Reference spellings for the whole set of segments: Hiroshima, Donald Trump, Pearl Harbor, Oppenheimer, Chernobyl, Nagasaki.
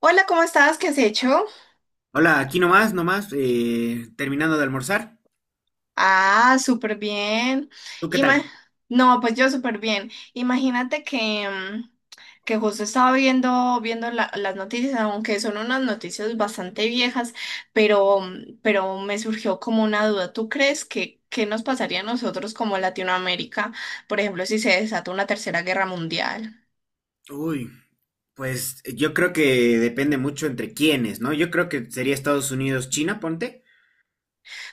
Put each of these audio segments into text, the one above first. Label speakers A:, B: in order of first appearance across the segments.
A: Hola, ¿cómo estás? ¿Qué has hecho?
B: Hola, aquí nomás, nomás, terminando de almorzar.
A: Ah, súper bien.
B: ¿Tú qué
A: Ima-
B: tal?
A: no, Pues yo súper bien. Imagínate que que justo estaba viendo las noticias, aunque son unas noticias bastante viejas, pero, pero me surgió como una duda. ¿Tú crees que qué nos pasaría a nosotros como Latinoamérica, por ejemplo, si se desata una tercera guerra mundial?
B: Uy, pues yo creo que depende mucho entre quiénes, ¿no? Yo creo que sería Estados Unidos, China, ponte.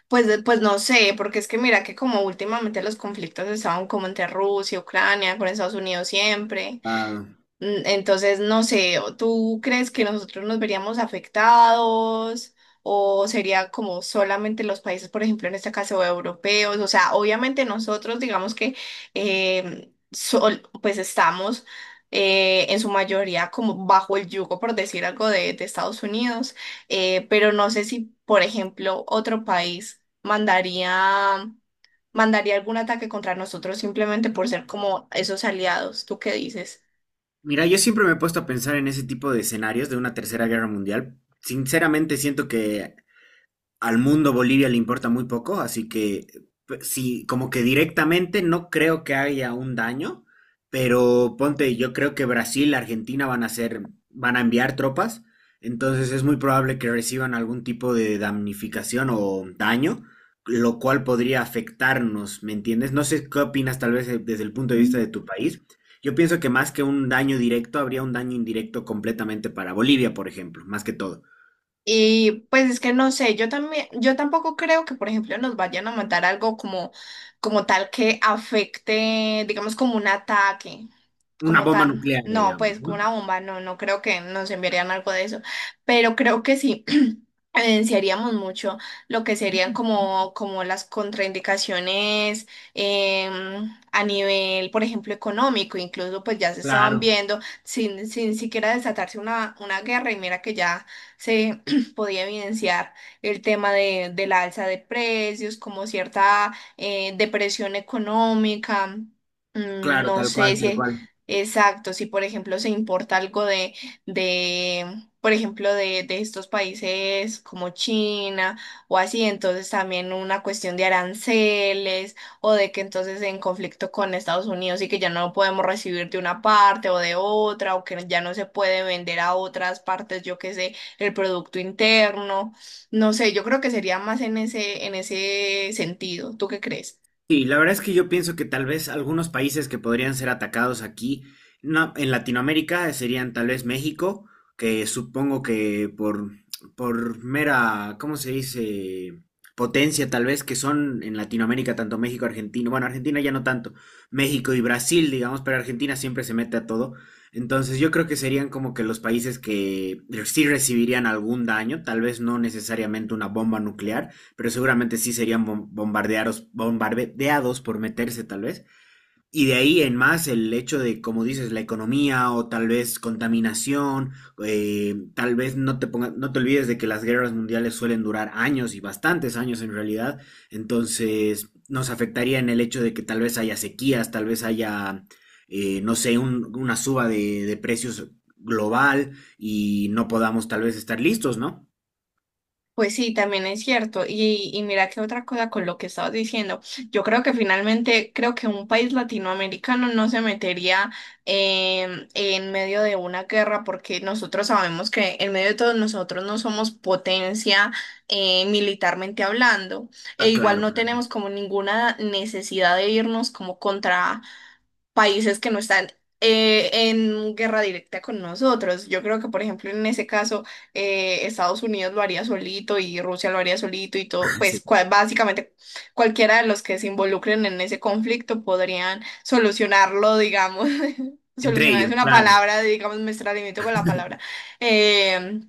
A: Pues no sé, porque es que mira que como últimamente los conflictos estaban como entre Rusia, Ucrania, con Estados Unidos siempre.
B: Ah,
A: Entonces, no sé, ¿tú crees que nosotros nos veríamos afectados o sería como solamente los países, por ejemplo, en este caso europeos? O sea, obviamente nosotros digamos que pues estamos en su mayoría como bajo el yugo, por decir algo, de Estados Unidos, pero no sé si, por ejemplo, otro país mandaría, mandaría algún ataque contra nosotros simplemente por ser como esos aliados. ¿Tú qué dices?
B: mira, yo siempre me he puesto a pensar en ese tipo de escenarios de una tercera guerra mundial. Sinceramente siento que al mundo Bolivia le importa muy poco, así que sí, como que directamente no creo que haya un daño, pero ponte, yo creo que Brasil, Argentina van a hacer, van a enviar tropas, entonces es muy probable que reciban algún tipo de damnificación o daño, lo cual podría afectarnos, ¿me entiendes? No sé qué opinas tal vez desde el punto de vista de tu país. Yo pienso que más que un daño directo, habría un daño indirecto completamente para Bolivia, por ejemplo, más que todo.
A: Y pues es que no sé, yo también, yo tampoco creo que, por ejemplo, nos vayan a mandar algo como, como tal que afecte, digamos, como un ataque,
B: Una
A: como
B: bomba
A: tan,
B: nuclear,
A: no,
B: digamos,
A: pues como una
B: ¿no?
A: bomba, no, no creo que nos enviarían algo de eso, pero creo que sí. Evidenciaríamos mucho lo que serían como, como las contraindicaciones a nivel, por ejemplo, económico, incluso pues ya se estaban
B: Claro,
A: viendo sin siquiera desatarse una guerra y mira que ya se, pues, podía evidenciar el tema de la alza de precios, como cierta depresión económica. Mm,
B: claro,
A: no
B: tal cual,
A: sé
B: tal
A: si,
B: cual.
A: Exacto, si por ejemplo se importa algo de por ejemplo, de estos países como China o así, entonces también una cuestión de aranceles o de que entonces en conflicto con Estados Unidos y que ya no podemos recibir de una parte o de otra o que ya no se puede vender a otras partes, yo qué sé el producto interno, no sé, yo creo que sería más en ese sentido. ¿Tú qué crees?
B: Sí, la verdad es que yo pienso que tal vez algunos países que podrían ser atacados aquí, no, en Latinoamérica serían tal vez México, que supongo que por mera, ¿cómo se dice? Potencia tal vez que son en Latinoamérica tanto México, Argentina, bueno, Argentina ya no tanto, México y Brasil, digamos, pero Argentina siempre se mete a todo. Entonces yo creo que serían como que los países que sí recibirían algún daño, tal vez no necesariamente una bomba nuclear, pero seguramente sí serían bombardeados, bombardeados por meterse tal vez. Y de ahí en más el hecho de, como dices, la economía o tal vez contaminación, tal vez no te, ponga, no te olvides de que las guerras mundiales suelen durar años y bastantes años en realidad, entonces nos afectaría en el hecho de que tal vez haya sequías, tal vez haya, no sé, un, una suba de precios global y no podamos tal vez estar listos, ¿no?
A: Pues sí, también es cierto. Y mira que otra cosa con lo que estabas diciendo, yo creo que finalmente, creo que un país latinoamericano no se metería en medio de una guerra porque nosotros sabemos que en medio de todos nosotros no somos potencia militarmente hablando e
B: Está
A: igual
B: claro,
A: no
B: para...
A: tenemos como ninguna necesidad de irnos como contra países que no están en guerra directa con nosotros. Yo creo que, por ejemplo, en ese caso, Estados Unidos lo haría solito y Rusia lo haría solito y todo,
B: sí.
A: básicamente cualquiera de los que se involucren en ese conflicto podrían solucionarlo, digamos.
B: Entre
A: Solucionar es
B: ellos,
A: una
B: claro.
A: palabra, digamos, me extralimito con la palabra. eh,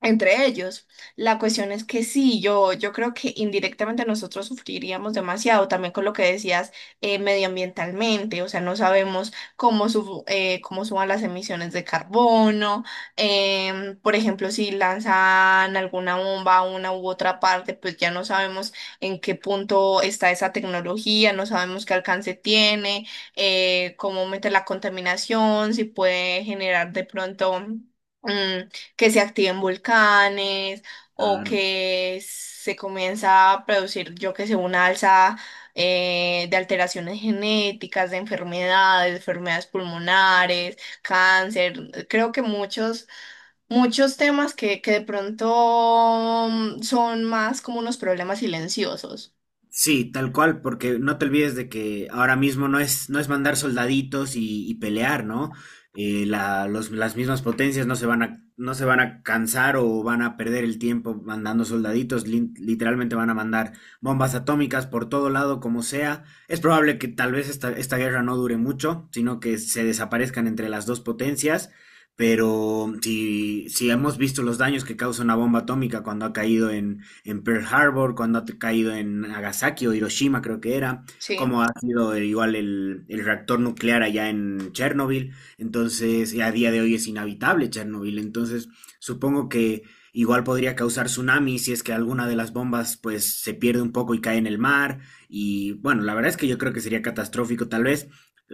A: Entre ellos. La cuestión es que sí, yo creo que indirectamente nosotros sufriríamos demasiado, también con lo que decías medioambientalmente, o sea, no sabemos cómo, cómo suban las emisiones de carbono, por ejemplo, si lanzan alguna bomba a una u otra parte, pues ya no sabemos en qué punto está esa tecnología, no sabemos qué alcance tiene, cómo mete la contaminación, si puede generar de pronto... mm, que se activen volcanes o
B: Claro.
A: que se comienza a producir, yo que sé, una alza de alteraciones genéticas, de enfermedades, enfermedades pulmonares, cáncer. Creo que muchos, muchos temas que de pronto son más como unos problemas silenciosos.
B: Sí, tal cual, porque no te olvides de que ahora mismo no es, no es mandar soldaditos y pelear, ¿no? La- los- las mismas potencias no se van a, no se van a cansar o van a perder el tiempo mandando soldaditos, literalmente van a mandar bombas atómicas por todo lado, como sea. Es probable que tal vez esta, esta guerra no dure mucho, sino que se desaparezcan entre las dos potencias, pero si, si hemos visto los daños que causa una bomba atómica cuando ha caído en Pearl Harbor, cuando ha caído en Nagasaki o Hiroshima, creo que era,
A: Sí.
B: como ha sido igual el reactor nuclear allá en Chernobyl. Entonces, y a día de hoy es inhabitable Chernobyl. Entonces, supongo que igual podría causar tsunami si es que alguna de las bombas pues se pierde un poco y cae en el mar. Y bueno, la verdad es que yo creo que sería catastrófico tal vez.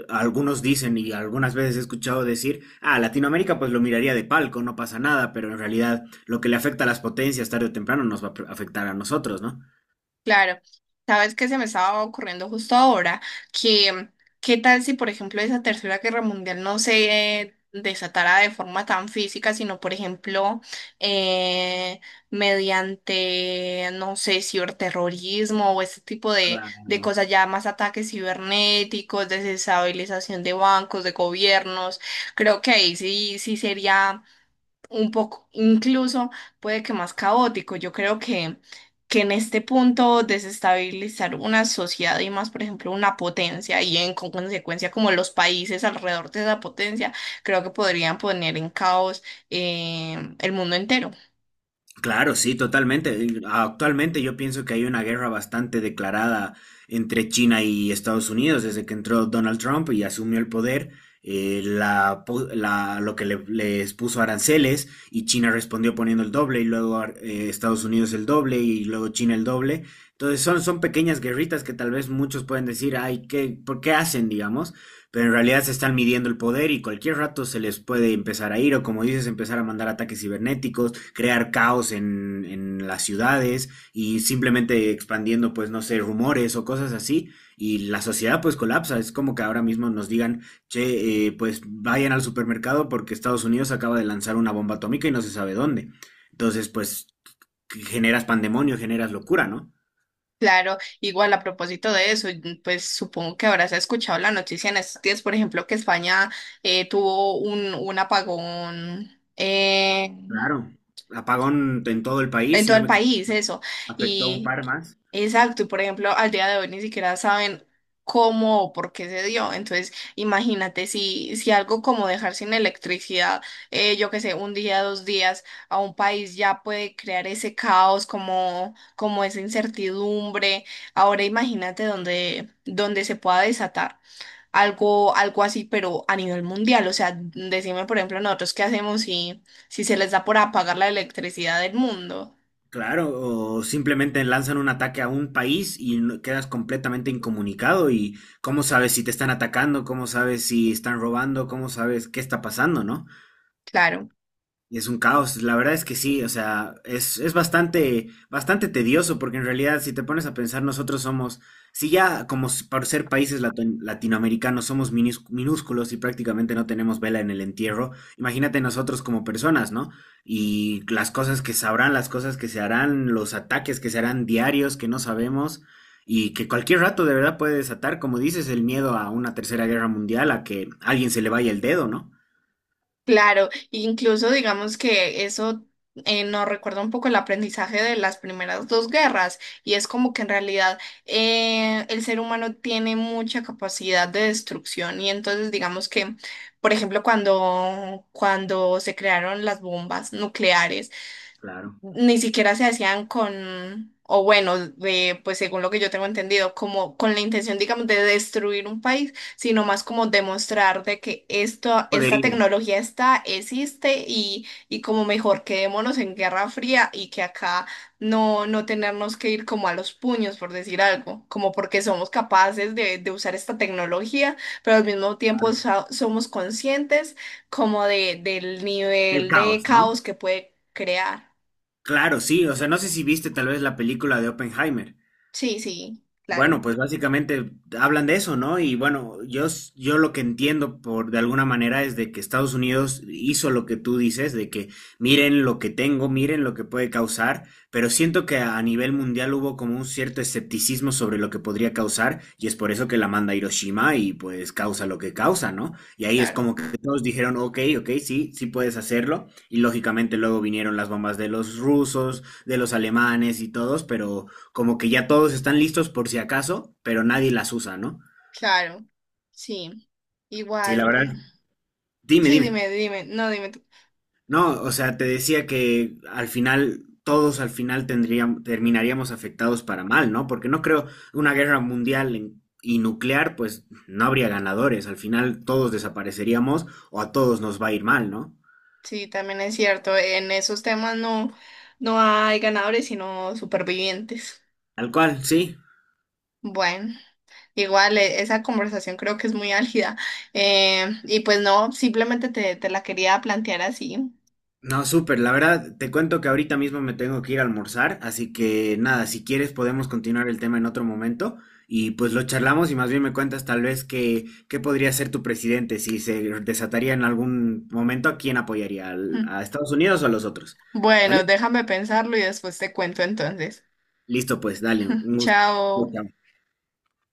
B: Algunos dicen y algunas veces he escuchado decir, ah, Latinoamérica pues lo miraría de palco, no pasa nada, pero en realidad lo que le afecta a las potencias tarde o temprano nos va a afectar a nosotros, ¿no?
A: Claro, sabes que se me estaba ocurriendo justo ahora que qué tal si, por ejemplo, esa Tercera Guerra Mundial no se desatara de forma tan física, sino, por ejemplo, eh, mediante, no sé, ciberterrorismo o ese tipo de cosas, ya más ataques cibernéticos, desestabilización de bancos, de gobiernos. Creo que ahí sí, sí sería un poco, incluso puede que más caótico. Yo creo que en este punto desestabilizar una sociedad y más, por ejemplo, una potencia y en con consecuencia como los países alrededor de esa potencia, creo que podrían poner en caos el mundo entero.
B: Claro, sí, totalmente. Actualmente yo pienso que hay una guerra bastante declarada entre China y Estados Unidos desde que entró Donald Trump y asumió el poder. La, lo que les puso aranceles y China respondió poniendo el doble y luego Estados Unidos el doble y luego China el doble. Entonces son, son pequeñas guerritas que tal vez muchos pueden decir, ay, ¿qué, por qué hacen, digamos? Pero en realidad se están midiendo el poder y cualquier rato se les puede empezar a ir o como dices, empezar a mandar ataques cibernéticos, crear caos en las ciudades y simplemente expandiendo, pues, no sé, rumores o cosas así. Y la sociedad pues colapsa. Es como que ahora mismo nos digan, che, pues vayan al supermercado porque Estados Unidos acaba de lanzar una bomba atómica y no se sabe dónde. Entonces, pues, generas pandemonio, generas locura, ¿no?
A: Claro, igual a propósito de eso, y, pues supongo que habrás escuchado la noticia en estos días, por ejemplo, que España tuvo un apagón.
B: Claro. Apagón en todo el país,
A: En
B: si
A: todo
B: no
A: el
B: me equivoco,
A: país, eso.
B: afectó a un
A: Y
B: par más.
A: exacto, y por ejemplo, al día de hoy ni siquiera saben cómo o por qué se dio. Entonces, imagínate si, si algo como dejar sin electricidad, yo qué sé, un día, dos días a un país ya puede crear ese caos, como, como esa incertidumbre. Ahora imagínate donde, donde se pueda desatar algo, algo así, pero a nivel mundial. O sea, decime, por ejemplo, nosotros qué hacemos si, si se les da por apagar la electricidad del mundo.
B: Claro, o simplemente lanzan un ataque a un país y quedas completamente incomunicado y cómo sabes si te están atacando, cómo sabes si están robando, cómo sabes qué está pasando, ¿no?
A: Claro,
B: Es un caos, la verdad es que sí, o sea, es bastante, bastante tedioso porque en realidad si te pones a pensar nosotros somos, si ya como por ser países latinoamericanos somos minúsculos y prácticamente no tenemos vela en el entierro, imagínate nosotros como personas, ¿no? Y las cosas que sabrán, las cosas que se harán, los ataques que se harán diarios que no sabemos y que cualquier rato de verdad puede desatar, como dices, el miedo a una tercera guerra mundial, a que a alguien se le vaya el dedo, ¿no?
A: claro. Incluso digamos que eso nos recuerda un poco el aprendizaje de las primeras dos guerras y es como que en realidad el ser humano tiene mucha capacidad de destrucción y entonces digamos que, por ejemplo, cuando, cuando se crearon las bombas nucleares,
B: Claro.
A: ni siquiera se hacían con, o bueno, de, pues según lo que yo tengo entendido, como con la intención, digamos, de destruir un país, sino más como demostrar de que esto, esta
B: Podería.
A: tecnología está, existe y como mejor quedémonos en Guerra Fría y que acá no, no tenernos que ir como a los puños, por decir algo, como porque somos capaces de usar esta tecnología, pero al mismo tiempo somos conscientes como de, del
B: Del
A: nivel de
B: caos,
A: caos
B: ¿no?
A: que puede crear.
B: Claro, sí, o sea, no sé si viste tal vez la película de Oppenheimer.
A: Sí, sí, claro,
B: Bueno, pues básicamente hablan de eso, ¿no? Y bueno, yo, yo lo que entiendo por de alguna manera es de que Estados Unidos hizo lo que tú dices, de que miren lo que tengo, miren lo que puede causar, pero siento que a nivel mundial hubo como un cierto escepticismo sobre lo que podría causar, y es por eso que la manda a Hiroshima y pues causa lo que causa, ¿no? Y ahí es
A: claro,
B: como que todos dijeron, ok, ok, sí, sí puedes hacerlo, y lógicamente luego vinieron las bombas de los rusos, de los alemanes y todos, pero como que ya todos están listos por si acaso, pero nadie las usa, ¿no?
A: claro, sí.
B: Sí, la
A: Igual,
B: verdad. Dime,
A: sí,
B: dime.
A: dime, dime, no, dime tú.
B: No, o sea, te decía que al final, todos al final tendríamos, terminaríamos afectados para mal, ¿no? Porque no creo una guerra mundial y nuclear, pues no habría ganadores. Al final todos desapareceríamos o a todos nos va a ir mal, ¿no?
A: Sí, también es cierto, en esos temas no, no hay ganadores, sino supervivientes.
B: Tal cual, sí.
A: Bueno, igual esa conversación creo que es muy álgida. Y pues no, simplemente te, te la quería plantear así.
B: No, súper. La verdad, te cuento que ahorita mismo me tengo que ir a almorzar, así que nada, si quieres podemos continuar el tema en otro momento y pues lo charlamos y más bien me cuentas tal vez que, qué podría ser tu presidente, si se desataría en algún momento, ¿a quién apoyaría? ¿A Estados Unidos o a los otros?
A: Bueno,
B: ¿Vale?
A: déjame pensarlo y después te cuento entonces.
B: Listo, pues, dale, un gusto.
A: Chao.
B: Ok,